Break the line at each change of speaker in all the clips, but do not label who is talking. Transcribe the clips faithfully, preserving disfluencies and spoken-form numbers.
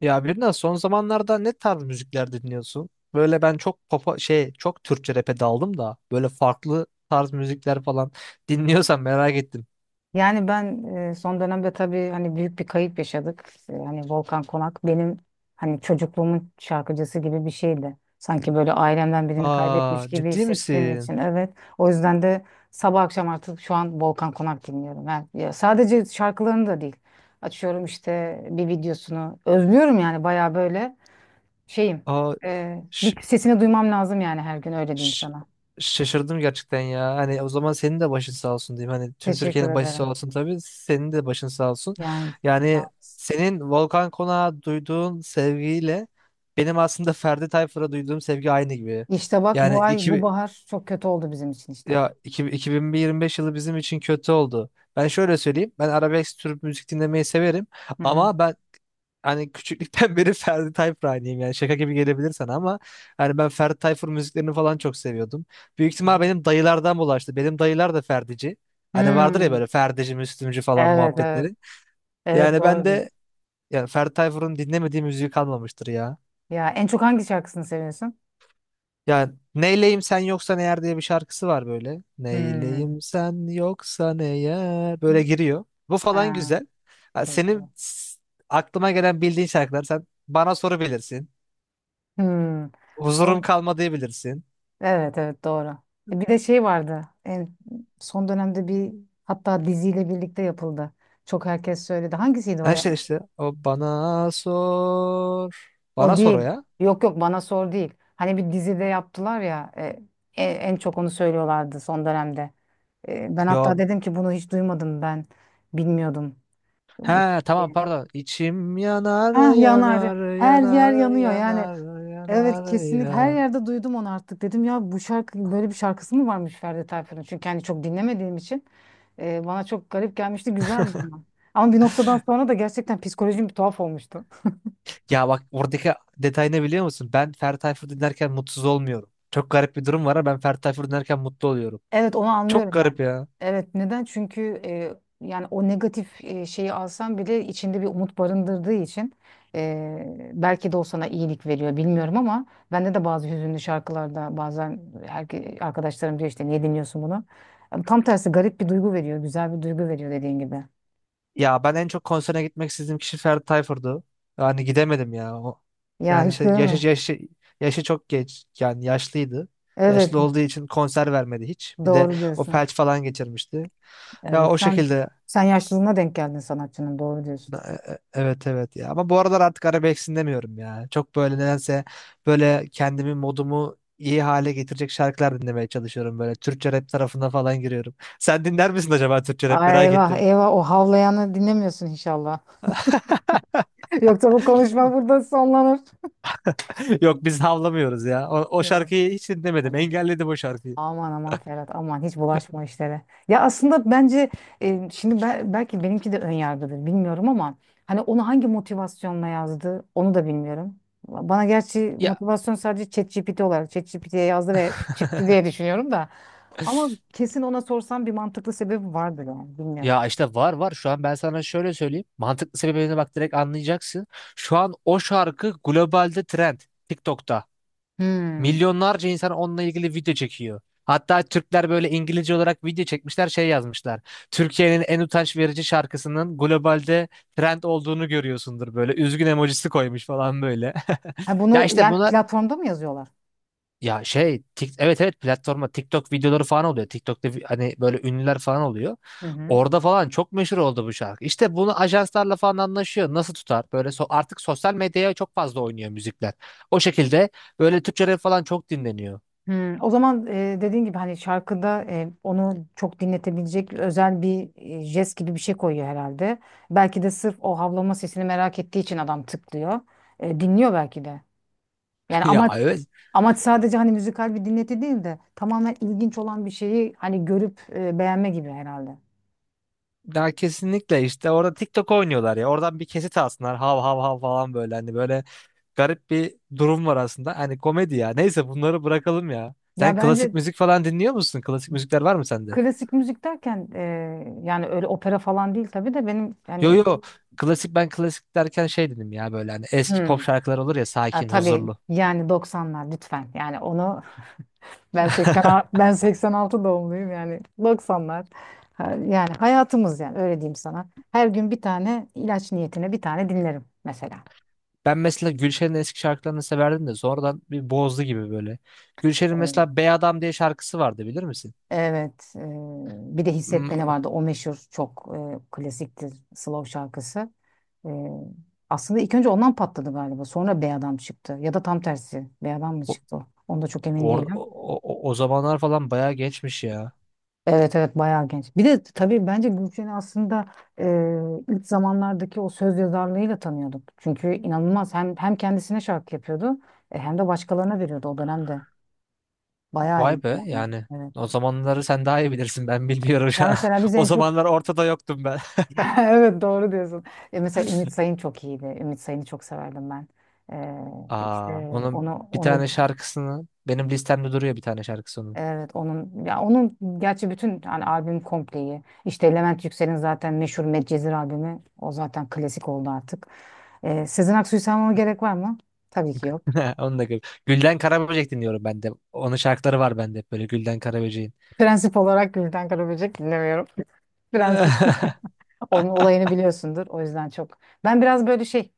Ya Birna, son zamanlarda ne tarz müzikler dinliyorsun? Böyle ben çok popa şey çok Türkçe rap'e daldım da böyle farklı tarz müzikler falan dinliyorsan merak ettim.
Yani ben e, son dönemde tabii hani büyük bir kayıp yaşadık. E, Hani Volkan Konak benim hani çocukluğumun şarkıcısı gibi bir şeydi. Sanki böyle ailemden birini kaybetmiş
Aa,
gibi
ciddi
hissettiğim
misin?
için evet. O yüzden de sabah akşam artık şu an Volkan Konak dinliyorum. Yani ya sadece şarkılarını da değil. Açıyorum işte bir videosunu. Özlüyorum yani bayağı böyle şeyim.
Aa
E,
ş-
bir sesini duymam lazım yani her gün öyle diyeyim
ş-
sana.
Şaşırdım gerçekten ya. Hani o zaman senin de başın sağ olsun diyeyim. Hani tüm
Teşekkür
Türkiye'nin başı
ederim.
sağ olsun tabii. Senin de başın sağ olsun.
Yani sağ
Yani
ol.
senin Volkan Konak'a duyduğun sevgiyle benim aslında Ferdi Tayfur'a duyduğum sevgi aynı gibi.
İşte bak bu
Yani
ay bu
iki,
bahar çok kötü oldu bizim için işte.
Ya iki- 2025 yılı bizim için kötü oldu. Ben şöyle söyleyeyim. Ben arabesk tür müzik dinlemeyi severim.
Hı hı.
Ama ben hani küçüklükten beri Ferdi Tayfur hayranıyım. Yani şaka gibi gelebilir sana ama hani ben Ferdi Tayfur müziklerini falan çok seviyordum. Büyük ihtimal benim dayılardan bulaştı. Benim dayılar da Ferdici. Hani vardır ya
Hmm.
böyle Ferdici, Müslümcü falan
Evet, evet.
muhabbetleri.
Evet,
Yani ben
doğru diyorsun.
de yani Ferdi Tayfur'un dinlemediği müziği kalmamıştır ya.
Ya en çok hangi şarkısını seviyorsun?
Yani neyleyim sen yoksan eğer diye bir şarkısı var böyle.
Hmm.
Neyleyim sen yoksan eğer böyle giriyor. Bu falan
Ha,
güzel. Ha,
çok güzel.
Senin s- Aklıma gelen bildiğin şarkılar, sen bana soru bilirsin.
Hmm.
Huzurum
Vallahi-
kalmadı bilirsin.
Evet, evet, doğru. E, Bir de şey vardı. En son dönemde bir, hatta diziyle birlikte yapıldı. Çok herkes söyledi. Hangisiydi o
Ha,
ya?
işte işte o bana sor.
O
Bana sor o
değil.
ya.
Yok, yok, bana sor değil. Hani bir dizide yaptılar ya, e, e, en çok onu söylüyorlardı son dönemde. E, ben hatta
Yo.
dedim ki bunu hiç duymadım ben. Bilmiyordum. Bu şey
He, tamam, pardon. İçim yanar
Ah, yanar.
yanar
Her yer
yanar
yanıyor yani.
yanar
Evet,
yanar
kesinlikle her
ya.
yerde duydum onu artık. Dedim ya, bu şarkı böyle bir şarkısı mı varmış Ferdi Tayfur'un? Çünkü hani çok dinlemediğim için e, bana çok garip gelmişti. Güzeldi ama. Ama bir noktadan sonra da gerçekten psikolojim bir tuhaf olmuştu.
Ya bak, oradaki detay ne biliyor musun? Ben Ferdi Tayfur dinlerken mutsuz olmuyorum. Çok garip bir durum var ama ben Ferdi Tayfur dinlerken mutlu oluyorum.
Evet, onu
Çok
anlıyorum ben.
garip ya.
Evet, neden? Çünkü e, yani o negatif e, şeyi alsan bile içinde bir umut barındırdığı için e, belki de o sana iyilik veriyor bilmiyorum ama bende de bazı hüzünlü şarkılarda bazen herke, arkadaşlarım diyor işte, niye dinliyorsun bunu? Yani tam tersi, garip bir duygu veriyor, güzel bir duygu veriyor dediğin gibi.
Ya ben en çok konsere gitmek istediğim kişi Ferdi Tayfur'du. Yani gidemedim ya. O,
Ya
yani
hiç
şey,
görme.
yaşı, yaşı, Yaşı çok geç. Yani yaşlıydı.
Evet,
Yaşlı olduğu için konser vermedi hiç. Bir de
doğru
o
diyorsun.
felç falan geçirmişti. Ya
Evet,
o
sen
şekilde
sen yaşlılığına denk geldin sanatçının, doğru diyorsun.
Na- e- e- evet, evet ya, ama bu aralar artık arabesk demiyorum ya. Çok böyle nedense böyle kendimi, modumu iyi hale getirecek şarkılar dinlemeye çalışıyorum, böyle Türkçe rap tarafına falan giriyorum. Sen dinler misin acaba Türkçe rap,
Ay,
merak
eyvah
ettim.
eyvah, o havlayanı dinlemiyorsun inşallah. Yoksa bu konuşma burada sonlanır.
Yok, biz havlamıyoruz ya. O, o
Ya.
şarkıyı hiç dinlemedim.
Aman.
Engelledim o şarkıyı.
Aman aman Ferhat, aman hiç bulaşma o işlere. Ya aslında bence e, şimdi be- belki benimki de ön yargıdır bilmiyorum ama hani onu hangi motivasyonla yazdı onu da bilmiyorum. Bana gerçi
Ya
motivasyon sadece ChatGPT olarak ChatGPT'ye yazdı ve çıktı diye düşünüyorum da. Ama kesin ona sorsam bir mantıklı sebebi vardır yani bilmiyorum.
ya işte var var şu an, ben sana şöyle söyleyeyim. Mantıklı sebebine bak, direkt anlayacaksın. Şu an o şarkı globalde trend. TikTok'ta.
Hmm.
Milyonlarca insan onunla ilgili video çekiyor. Hatta Türkler böyle İngilizce olarak video çekmişler, şey yazmışlar. Türkiye'nin en utanç verici şarkısının globalde trend olduğunu görüyorsundur böyle. Üzgün emojisi koymuş falan böyle.
Ha,
Ya
bunu
işte
yani
buna
platformda mı yazıyorlar?
ya şey tik, evet, evet, platforma TikTok videoları falan oluyor. TikTok'ta vi- hani böyle ünlüler falan oluyor.
Hı hı.
Orada falan çok meşhur oldu bu şarkı. İşte bunu ajanslarla falan anlaşıyor. Nasıl tutar? Böyle so artık sosyal medyaya çok fazla oynuyor müzikler. O şekilde böyle Türkçe rap falan çok dinleniyor.
Hmm, o zaman e, dediğin gibi hani şarkıda e, onu çok dinletebilecek özel bir e, jest gibi bir şey koyuyor herhalde. Belki de sırf o havlama sesini merak ettiği için adam tıklıyor. E, dinliyor belki de. Yani
Ya
amaç
evet.
amaç sadece hani müzikal bir dinleti değil de tamamen ilginç olan bir şeyi hani görüp e, beğenme gibi herhalde.
Ya kesinlikle, işte orada TikTok oynuyorlar ya. Oradan bir kesit alsınlar. Hav hav hav falan, böyle hani böyle garip bir durum var aslında. Hani komedi ya. Neyse, bunları bırakalım ya.
Ya
Sen klasik
bence
müzik falan dinliyor musun? Klasik müzikler var mı sende?
klasik müzik derken e, yani öyle opera falan değil tabii de benim
Yo
yani
yo, klasik, ben klasik derken şey dedim ya, böyle hani eski pop
hmm,
şarkılar olur ya,
ha,
sakin,
tabii
huzurlu.
yani doksanlar lütfen yani onu Ben seksen, ben seksen altı doğumluyum yani doksanlar. Ha, Yani hayatımız, yani öyle diyeyim sana. Her gün bir tane ilaç niyetine bir tane dinlerim mesela.
Ben mesela Gülşen'in eski şarkılarını severdim de sonradan bir bozdu gibi böyle. Gülşen'in
Hmm.
mesela Bey Adam diye şarkısı vardı, bilir misin?
Evet, e, bir de Hissetmeni
Hmm.
vardı. O meşhur çok e, klasiktir, slow şarkısı. E, aslında ilk önce ondan patladı galiba. Sonra Bey Adam çıktı. Ya da tam tersi. Bey Adam mı
O,
çıktı? Onda çok emin
or-
değilim.
o, o, O zamanlar falan bayağı geçmiş ya.
Evet, evet, bayağı genç. Bir de tabii bence Gülşen'i aslında e, ilk zamanlardaki o söz yazarlığıyla tanıyorduk. Çünkü inanılmaz hem hem kendisine şarkı yapıyordu e, hem de başkalarına veriyordu o dönemde. Bayağı
Vay
iyiydi
be
yani.
yani.
Evet.
O zamanları sen daha iyi bilirsin, ben bilmiyorum
Ya
ya.
mesela biz
O
en çok
zamanlar ortada yoktum ben.
evet, doğru diyorsun. E, mesela Ümit Sayın çok iyiydi. Ümit Sayın'ı çok severdim ben. E, işte
Aa, onun
onu
bir
onu
tane şarkısını benim listemde duruyor, bir tane şarkısı.
evet onun, ya onun gerçi bütün hani albüm kompleyi, işte Levent Yüksel'in zaten meşhur Medcezir albümü, o zaten klasik oldu artık. Ee, Sezen Aksu'yu saymama gerek var mı? Tabii ki yok.
Onu da gül. Gülden Karaböcek dinliyorum ben de. Onun şarkıları var bende hep, böyle Gülden Karaböcek'in.
Prensip olarak Gülden Karaböcek dinlemiyorum. Prensip. Onun olayını biliyorsundur, o yüzden çok. Ben biraz böyle şey,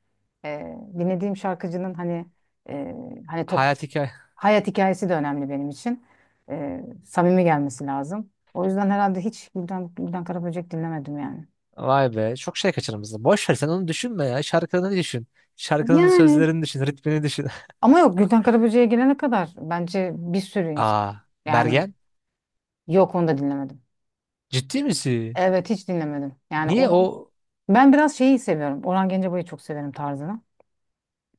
e, dinlediğim şarkıcının hani e, hani top
Hayat hikaye.
hayat hikayesi de önemli benim için. E, samimi gelmesi lazım. O yüzden herhalde hiç Gülden, Gülden Karaböcek dinlemedim yani.
Vay be. Çok şey kaçırmışsın. Boş ver, sen onu düşünme ya. Şarkılarını düşün. Şarkının
Yani
sözlerini düşün. Ritmini düşün.
ama yok, Gülten Karaböcek'e gelene kadar bence bir sürü insan.
Aa,
Yani
Bergen.
yok, onu da dinlemedim.
Ciddi misin?
Evet, hiç dinlemedim. Yani
Niye
onu
o?
ben biraz şeyi seviyorum. Orhan Gencebay'ı çok severim, tarzını.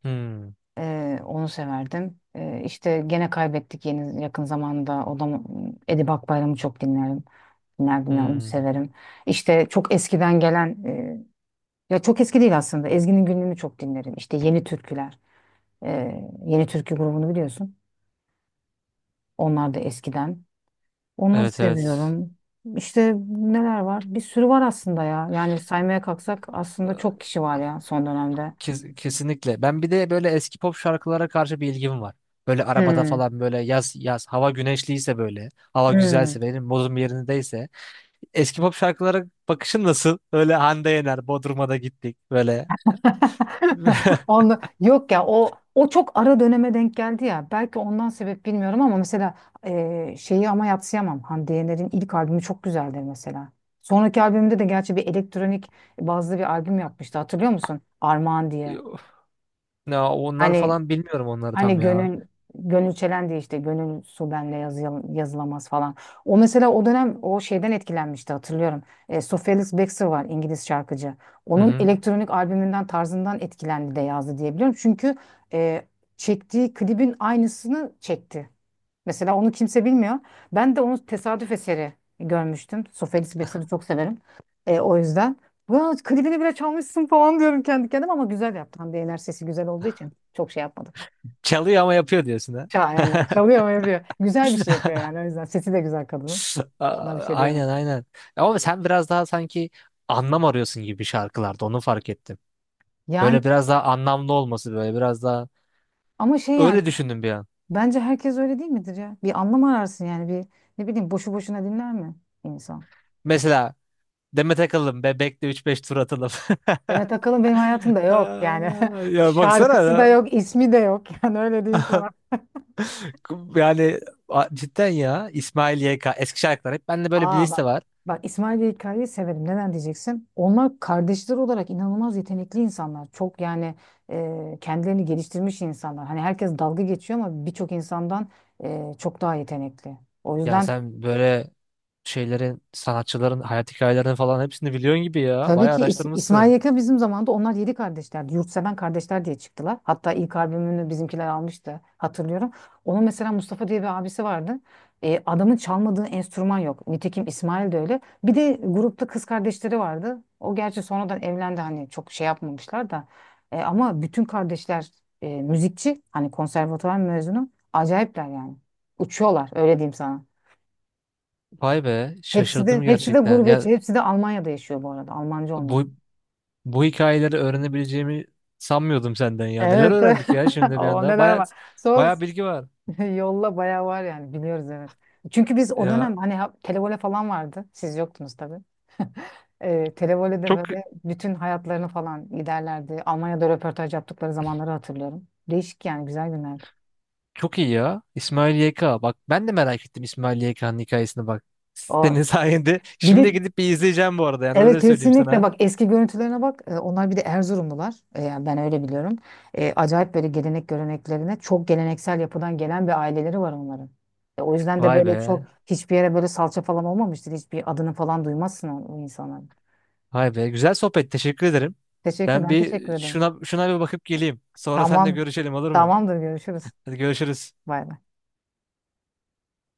Hmm,
Ee, onu severdim. Ee, işte gene kaybettik yeni yakın zamanda. O da Edip Akbayram'ı çok dinlerim. Dinlerdim ya, onu
hmm.
severim. İşte çok eskiden gelen e, ya çok eski değil aslında. Ezgi'nin Günlüğü'nü çok dinlerim. İşte Yeni Türküler. Ee, Yeni Türkü grubunu biliyorsun. Onlar da eskiden. Onları
Evet, evet.
seviyorum. İşte neler var? Bir sürü var aslında ya. Yani saymaya kalksak aslında
Ee,
çok kişi var ya son dönemde.
Kes- kesinlikle. Ben bir de böyle eski pop şarkılara karşı bir ilgim var. Böyle arabada
Hmm,
falan, böyle yaz yaz, hava güneşliyse, böyle hava
hmm.
güzelse, benim modum yerindeyse eski pop şarkılara bakışın nasıl? Öyle Hande Yener, Bodrum'a da gittik. Böyle.
Onu, yok ya, o o çok ara döneme denk geldi ya. Belki ondan sebep bilmiyorum ama mesela e, şeyi ama yadsıyamam. Hande Yener'in ilk albümü çok güzeldir mesela. Sonraki albümde de gerçi bir elektronik bazlı bir albüm yapmıştı. Hatırlıyor musun? Armağan diye.
Ya onlar
Hani
falan bilmiyorum, onları tam
Hani
ya.
gönül gönül çelen diye, işte gönül su benle yazı- yazılamaz falan. O mesela o dönem o şeyden etkilenmişti hatırlıyorum. E, Sofia Lis Baxter var, İngiliz şarkıcı.
Hı
Onun
hı.
elektronik albümünden, tarzından etkilendi de yazdı diyebiliyorum. Çünkü e, çektiği klibin aynısını çekti. Mesela onu kimse bilmiyor. Ben de onu tesadüf eseri görmüştüm. Sofia Ellis Baxter'ı çok severim. E, o yüzden. Ya klibini bile çalmışsın falan diyorum kendi kendime ama güzel yaptı. Hande Yener sesi güzel olduğu için çok şey yapmadım.
Çalıyor ama yapıyor diyorsun ha.
Ça- Aynen. Çalıyor mu, yapıyor. Güzel bir şey yapıyor yani. O yüzden sesi de güzel kadının.
A-
Ona bir şey diyemem.
Aynen, aynen. Ama sen biraz daha sanki anlam arıyorsun gibi şarkılarda, onu fark ettim.
Yani
Böyle biraz daha anlamlı olması, böyle biraz daha,
ama şey, yani
öyle düşündüm bir an.
bence herkes öyle değil midir ya? Bir anlam ararsın yani, bir ne bileyim boşu boşuna dinler mi insan?
Mesela Demet Akalın Bebek'le üç beş tur atalım.
Demet Akalın benim hayatımda yok yani.
Aa, ya baksana
Şarkısı da
ya.
yok, ismi de yok. Yani öyle diyeyim sana.
Yani a- cidden ya, İsmail Y K eski şarkılar hep bende böyle bir
Aa, bak.
liste var.
Bak, İsmail ve İlkay'ı severim. Neden diyeceksin? Onlar kardeşler olarak inanılmaz yetenekli insanlar. Çok yani e, kendilerini geliştirmiş insanlar. Hani herkes dalga geçiyor ama birçok insandan e, çok daha yetenekli. O
Ya
yüzden
sen böyle şeylerin sanatçıların hayat hikayelerini falan hepsini biliyorsun gibi ya.
tabii
Bayağı
ki İs- İsmail
araştırmışsın.
Yeka, bizim zamanda onlar yedi kardeşlerdi. Yurtseven kardeşler diye çıktılar. Hatta ilk albümünü bizimkiler almıştı hatırlıyorum. Onun mesela Mustafa diye bir abisi vardı. E, adamın çalmadığı enstrüman yok. Nitekim İsmail de öyle. Bir de grupta kız kardeşleri vardı. O gerçi sonradan evlendi, hani çok şey yapmamışlar da. E, ama bütün kardeşler e, müzikçi. Hani konservatuvar mezunu. Acayipler yani. Uçuyorlar, öyle diyeyim sana.
Vay be,
Hepsi de
şaşırdım
hepsi de
gerçekten. Ya
gurbetçi. Hepsi de Almanya'da yaşıyor bu arada. Almanca onlar.
bu bu hikayeleri öğrenebileceğimi sanmıyordum senden ya. Neler
Evet.
öğrendik ya şimdi bir
O,
anda.
neler
Bayağı
var. Sor.
bayağı bilgi var.
Yolla, bayağı var yani, biliyoruz, evet. Çünkü biz o
Ya
dönem hani ha- televole falan vardı. Siz yoktunuz tabii. Ee, Televole'de
çok
böyle bütün hayatlarını falan giderlerdi. Almanya'da röportaj yaptıkları zamanları hatırlıyorum. Değişik yani, güzel günlerdi.
çok iyi ya. İsmail Y K. Bak, ben de merak ettim İsmail Y K'nın hikayesini bak.
O
Senin sayende.
bir de
Şimdi gidip bir izleyeceğim bu arada, yani
Evet,
öyle söyleyeyim
kesinlikle
sana.
bak eski görüntülerine bak. E, onlar bir de Erzurumlular. E, yani ben öyle biliyorum. E, acayip böyle gelenek göreneklerine, çok geleneksel yapıdan gelen bir aileleri var onların. E, o yüzden de
Vay
böyle çok
be.
hiçbir yere böyle salça falan olmamıştır, hiçbir adını falan duymazsın o, o insanların.
Vay be. Güzel sohbet. Teşekkür ederim.
Teşekkür
Ben
ben teşekkür
bir
ederim.
şuna şuna bir bakıp geleyim. Sonra seninle
Tamam,
görüşelim, olur mu?
tamamdır, görüşürüz.
Hadi görüşürüz.
Bay bay.